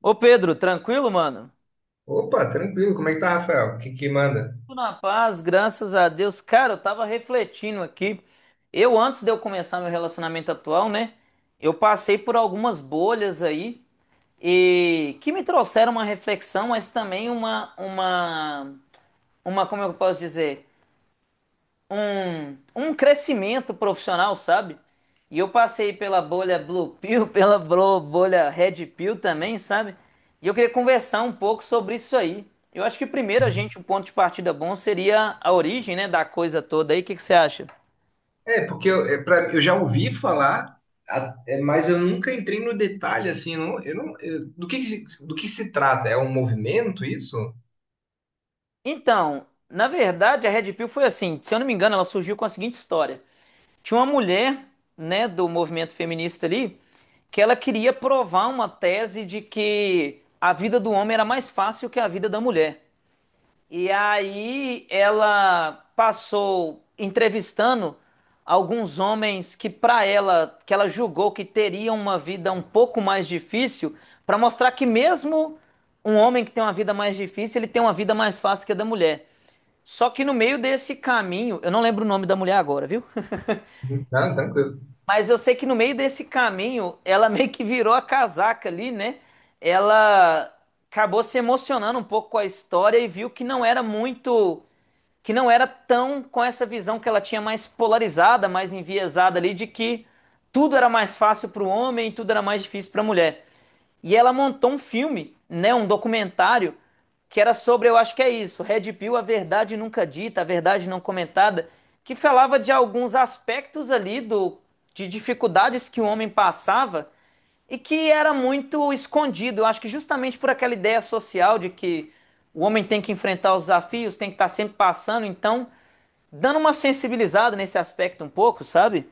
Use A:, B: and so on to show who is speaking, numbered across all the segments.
A: Ô Pedro, tranquilo, mano?
B: Opa, tranquilo. Como é que tá, Rafael? O que que manda?
A: Tudo na paz, graças a Deus. Cara, eu tava refletindo aqui. Eu, antes de eu começar meu relacionamento atual, né? Eu passei por algumas bolhas aí e que me trouxeram uma reflexão, mas também uma, como eu posso dizer? Um crescimento profissional, sabe? E eu passei pela bolha Blue Pill, pela bolha Red Pill também, sabe? E eu queria conversar um pouco sobre isso aí. Eu acho que primeiro o ponto de partida bom seria a origem, né, da coisa toda aí. O que que você acha?
B: É, porque eu, é, pra- eu já ouvi falar, mas eu nunca entrei no detalhe, assim, eu não, eu não- eu- do que se- do que se trata? É um movimento isso?
A: Então, na verdade, a Red Pill foi assim, se eu não me engano, ela surgiu com a seguinte história. Tinha uma mulher, né, do movimento feminista ali, que ela queria provar uma tese de que a vida do homem era mais fácil que a vida da mulher. E aí ela passou entrevistando alguns homens que para ela, que ela julgou que teriam uma vida um pouco mais difícil, para mostrar que mesmo um homem que tem uma vida mais difícil, ele tem uma vida mais fácil que a da mulher. Só que no meio desse caminho, eu não lembro o nome da mulher agora, viu?
B: Uhum. Não, tranquilo.
A: Mas eu sei que no meio desse caminho, ela meio que virou a casaca ali, né? Ela acabou se emocionando um pouco com a história e viu que não era muito que não era tão com essa visão que ela tinha mais polarizada, mais enviesada ali, de que tudo era mais fácil para o homem, tudo era mais difícil para a mulher. E ela montou um filme, né, um documentário que era sobre, eu acho que é isso, Red Pill, a verdade nunca dita, a verdade não comentada, que falava de alguns aspectos ali do de dificuldades que o homem passava e que era muito escondido. Eu acho que justamente por aquela ideia social de que o homem tem que enfrentar os desafios, tem que estar sempre passando, então dando uma sensibilizada nesse aspecto um pouco, sabe?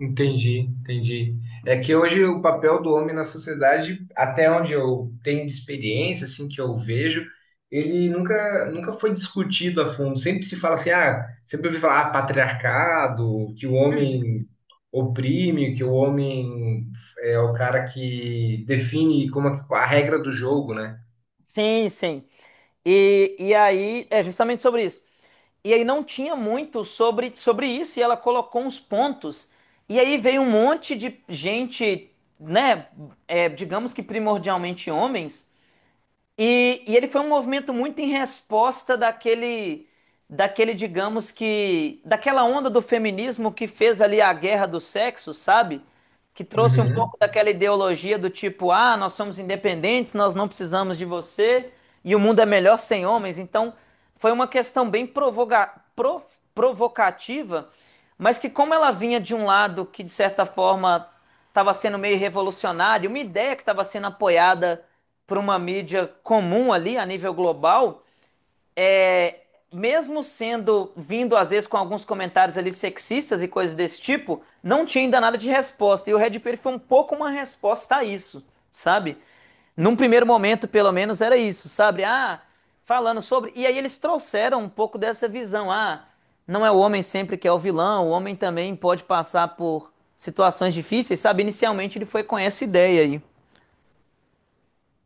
B: Entendi, entendi. É que hoje o papel do homem na sociedade, até onde eu tenho de experiência, assim, que eu vejo, ele nunca foi discutido a fundo. Sempre se fala assim, ah, sempre ouvi falar, ah, patriarcado, que o homem oprime, que o homem é o cara que define como a regra do jogo, né?
A: Sim, sim. E aí é justamente sobre isso. E aí não tinha muito sobre isso, e ela colocou uns pontos, e aí veio um monte de gente, né, é, digamos que primordialmente homens. E ele foi um movimento muito em resposta digamos que, daquela onda do feminismo que fez ali a guerra do sexo, sabe? Que trouxe um pouco daquela ideologia do tipo, ah, nós somos independentes, nós não precisamos de você e o mundo é melhor sem homens. Então, foi uma questão bem provocativa, mas que como ela vinha de um lado que de certa forma estava sendo meio revolucionário, uma ideia que estava sendo apoiada por uma mídia comum ali a nível global, é, mesmo sendo vindo às vezes com alguns comentários ali sexistas e coisas desse tipo, não tinha ainda nada de resposta. E o Red Pill foi um pouco uma resposta a isso, sabe? Num primeiro momento, pelo menos, era isso, sabe? Ah, falando sobre. E aí eles trouxeram um pouco dessa visão. Ah, não é o homem sempre que é o vilão, o homem também pode passar por situações difíceis, sabe? Inicialmente ele foi com essa ideia aí.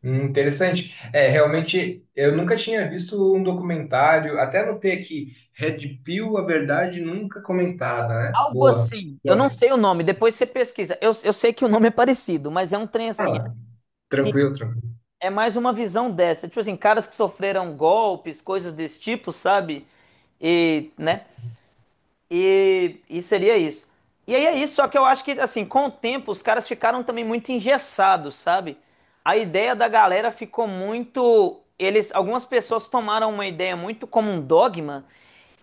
B: Interessante. É, realmente, eu nunca tinha visto um documentário, até anotei aqui, Red Pill, a verdade nunca comentada, né?
A: Algo
B: Boa.
A: assim, eu não
B: Boa.
A: sei o nome, depois você pesquisa. Eu sei que o nome é parecido, mas é um trem assim.
B: Ah,
A: Que
B: tranquilo, tranquilo.
A: é mais uma visão dessa. Tipo assim, caras que sofreram golpes, coisas desse tipo, sabe? E, né? E seria isso. E aí é isso, só que eu acho que, assim, com o tempo, os caras ficaram também muito engessados, sabe? A ideia da galera ficou muito. Eles, algumas pessoas tomaram uma ideia muito como um dogma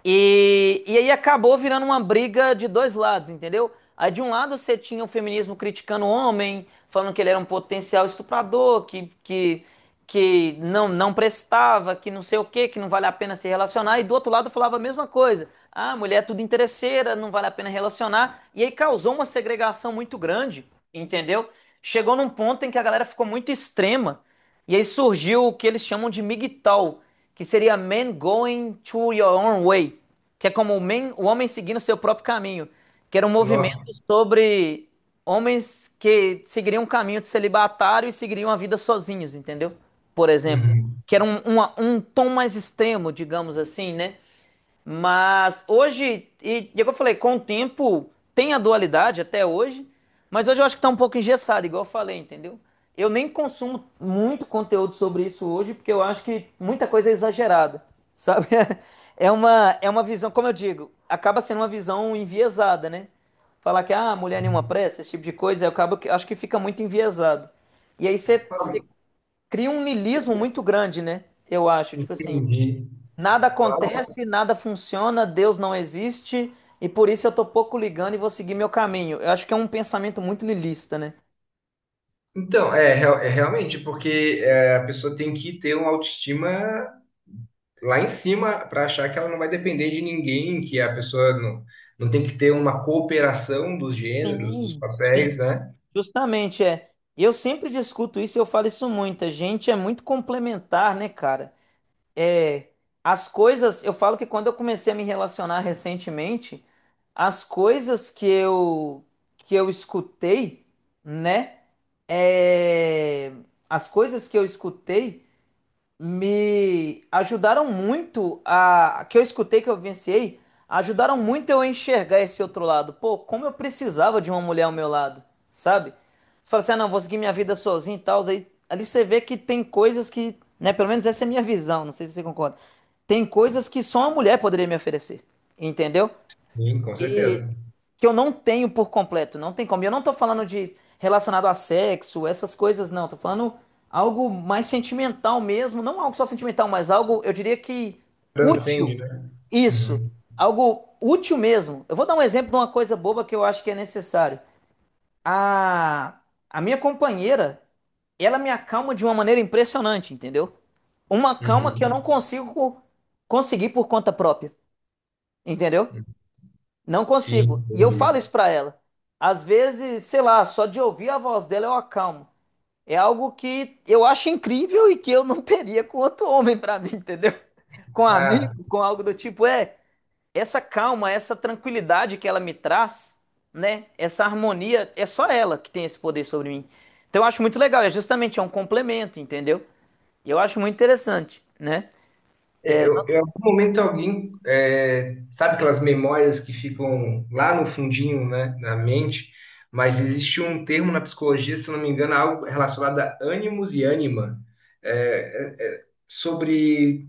A: e aí acabou virando uma briga de dois lados, entendeu? Aí de um lado você tinha o feminismo criticando o homem, falando que ele era um potencial estuprador, que não prestava, que não sei o quê, que não vale a pena se relacionar. E do outro lado falava a mesma coisa. Ah, mulher é tudo interesseira, não vale a pena relacionar. E aí causou uma segregação muito grande, entendeu? Chegou num ponto em que a galera ficou muito extrema. E aí surgiu o que eles chamam de MGTOW, que seria man going to your own way, que é como o, man, o homem seguindo seu próprio caminho, que era um movimento
B: Nossa.
A: sobre homens que seguiriam um caminho de celibatário e seguiriam a vida sozinhos, entendeu? Por exemplo,
B: Uhum.
A: que era um tom mais extremo, digamos assim, né? Mas hoje, e é o que eu falei, com o tempo tem a dualidade até hoje, mas hoje eu acho que tá um pouco engessado, igual eu falei, entendeu? Eu nem consumo muito conteúdo sobre isso hoje, porque eu acho que muita coisa é exagerada, sabe? É uma visão, como eu digo, acaba sendo uma visão enviesada, né? Falar que, ah, mulher nenhuma pressa, esse tipo de coisa, eu acabo, acho que fica muito enviesado. E aí você
B: Ah.
A: cria um niilismo muito grande, né? Eu acho, tipo assim.
B: Entendi.
A: Nada
B: Ah.
A: acontece, nada funciona, Deus não existe, e por isso eu tô pouco ligando e vou seguir meu caminho. Eu acho que é um pensamento muito niilista, né?
B: Então, é, é realmente, porque é, a pessoa tem que ter uma autoestima lá em cima para achar que ela não vai depender de ninguém, que a pessoa não, não tem que ter uma cooperação dos gêneros, dos
A: Sim, sim.
B: papéis, né?
A: Justamente, é. Eu sempre discuto isso, e eu falo isso muito. A gente é muito complementar, né, cara? É, as coisas, eu falo que quando eu comecei a me relacionar recentemente, as coisas que eu escutei, né? É, as coisas que eu escutei me ajudaram que eu escutei que eu vivenciei, ajudaram muito eu a enxergar esse outro lado. Pô, como eu precisava de uma mulher ao meu lado, sabe? Você fala assim, ah, não, vou seguir minha vida sozinho e tal. Aí, ali você vê que tem coisas que, né, pelo menos essa é a minha visão, não sei se você concorda. Tem coisas que só uma mulher poderia me oferecer, entendeu?
B: Sim, com
A: E
B: certeza.
A: que eu não tenho por completo, não tem como. E eu não tô falando de relacionado a sexo, essas coisas não, tô falando algo mais sentimental mesmo, não algo só sentimental, mas algo, eu diria que útil.
B: Transcende, né?
A: Isso,
B: Uhum,
A: algo útil mesmo. Eu vou dar um exemplo de uma coisa boba que eu acho que é necessário. A a minha companheira, ela me acalma de uma maneira impressionante, entendeu? Uma calma que eu não
B: uhum.
A: consigo conseguir por conta própria, entendeu? Não consigo.
B: Sim,
A: E eu falo
B: entendi.
A: isso pra ela. Às vezes, sei lá, só de ouvir a voz dela eu acalmo. É algo que eu acho incrível e que eu não teria com outro homem pra mim, entendeu? Com um
B: Ah,
A: amigo, com algo do tipo, é, essa calma, essa tranquilidade que ela me traz, né? Essa harmonia, é só ela que tem esse poder sobre mim. Então eu acho muito legal, é justamente é um complemento, entendeu? E eu acho muito interessante, né? É,
B: em algum momento alguém, é, sabe aquelas memórias que ficam lá no fundinho, né, da mente, mas existe um termo na psicologia, se eu não me engano, algo relacionado a ânimos e ânima, sobre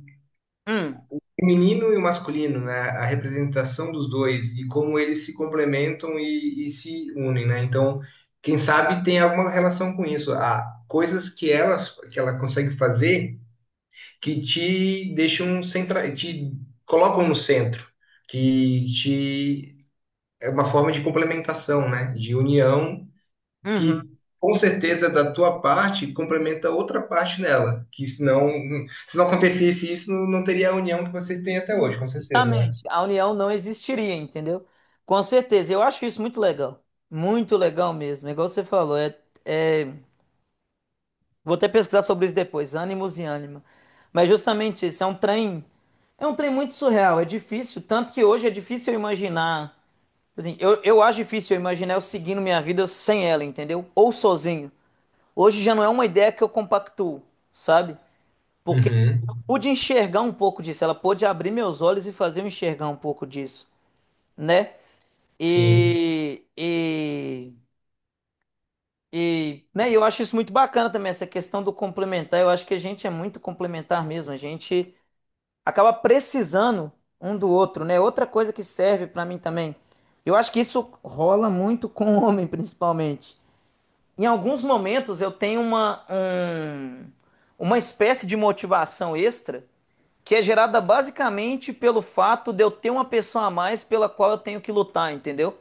A: hum,
B: feminino e o masculino, né? A representação dos dois e como eles se complementam e se unem, né? Então, quem sabe tem alguma relação com isso. Há coisas que ela consegue fazer que te deixam centra, te colocam no centro, que te é uma forma de complementação, né? De união que
A: uhum.
B: com certeza da tua parte complementa outra parte nela, que senão, se não acontecesse isso, não teria a união que vocês têm até hoje, com certeza, né?
A: Justamente, a união não existiria, entendeu? Com certeza, eu acho isso muito legal. Muito legal mesmo, igual você falou. É, é- vou até pesquisar sobre isso depois, ânimos e ânima. Mas justamente isso, é um trem. É um trem muito surreal, é difícil. Tanto que hoje é difícil eu imaginar. Assim, eu acho difícil eu imaginar eu seguindo minha vida sem ela, entendeu? Ou sozinho. Hoje já não é uma ideia que eu compactuo, sabe? Porque eu
B: Uhum,
A: pude enxergar um pouco disso, ela pôde abrir meus olhos e fazer eu enxergar um pouco disso, né?
B: sim,
A: E, e, né, eu acho isso muito bacana também, essa questão do complementar. Eu acho que a gente é muito complementar mesmo. A gente acaba precisando um do outro, né? Outra coisa que serve pra mim também. Eu acho que isso rola muito com o homem, principalmente. Em alguns momentos eu tenho uma espécie de motivação extra que é gerada basicamente pelo fato de eu ter uma pessoa a mais pela qual eu tenho que lutar, entendeu?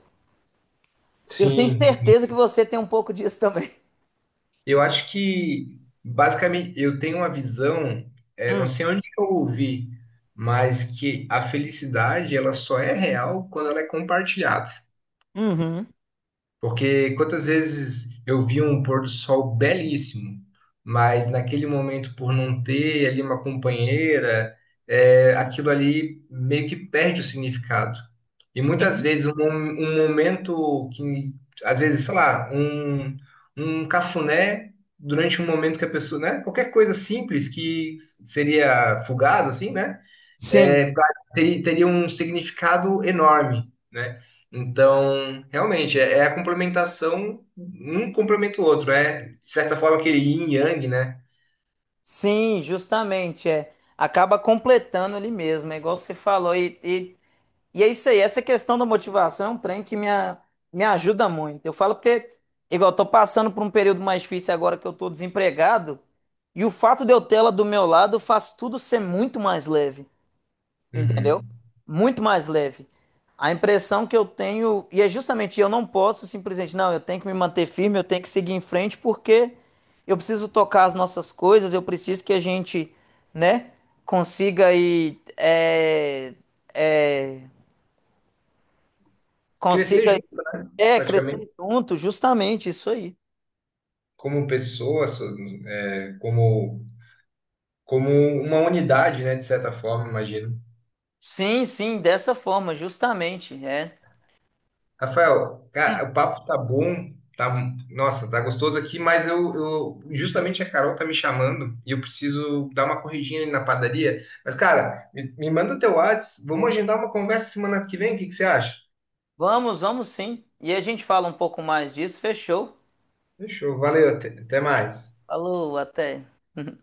A: Eu tenho
B: sim,
A: certeza que você tem um pouco disso também.
B: Eu acho que, basicamente, eu tenho uma visão, é, não
A: Hum,
B: sei onde que eu ouvi, mas que a felicidade, ela só é real quando ela é compartilhada.
A: uhum.
B: Porque quantas vezes eu vi um pôr do sol belíssimo, mas naquele momento, por não ter ali uma companheira, é, aquilo ali meio que perde o significado. E muitas
A: Sim.
B: vezes um momento que, às vezes, sei lá, um cafuné durante um momento que a pessoa, né? Qualquer coisa simples que seria fugaz, assim, né?
A: Sim,
B: é, pra- teria um significado enorme, né? Então, realmente, é a complementação, um complementa o outro, é, de certa forma, aquele yin e yang, né?
A: sim, justamente, é. Acaba completando ali mesmo, é igual você falou. E é isso aí, essa questão da motivação é um trem que me ajuda muito. Eu falo porque, igual, eu tô passando por um período mais difícil agora que eu tô desempregado, e o fato de eu ter ela do meu lado faz tudo ser muito mais leve. Entendeu?
B: Uhum.
A: Muito mais leve. A impressão que eu tenho, e é justamente eu não posso simplesmente, não, eu tenho que me manter firme, eu tenho que seguir em frente porque eu preciso tocar as nossas coisas, eu preciso que a gente, né, consiga aí, é,
B: Crescer
A: consiga
B: junto,
A: é,
B: praticamente,
A: crescer junto, justamente isso aí.
B: como pessoa, é, como uma unidade, né? De certa forma, imagino.
A: Sim, sim, dessa forma, justamente, é.
B: Rafael, cara, o papo tá bom, tá, nossa, tá gostoso aqui, mas justamente a Carol tá me chamando e eu preciso dar uma corridinha ali na padaria. Mas, cara, me manda teu WhatsApp, vamos agendar uma conversa semana que vem, o que que você acha?
A: Vamos, vamos sim. E a gente fala um pouco mais disso, fechou?
B: Fechou, valeu, até até mais.
A: Falou, até.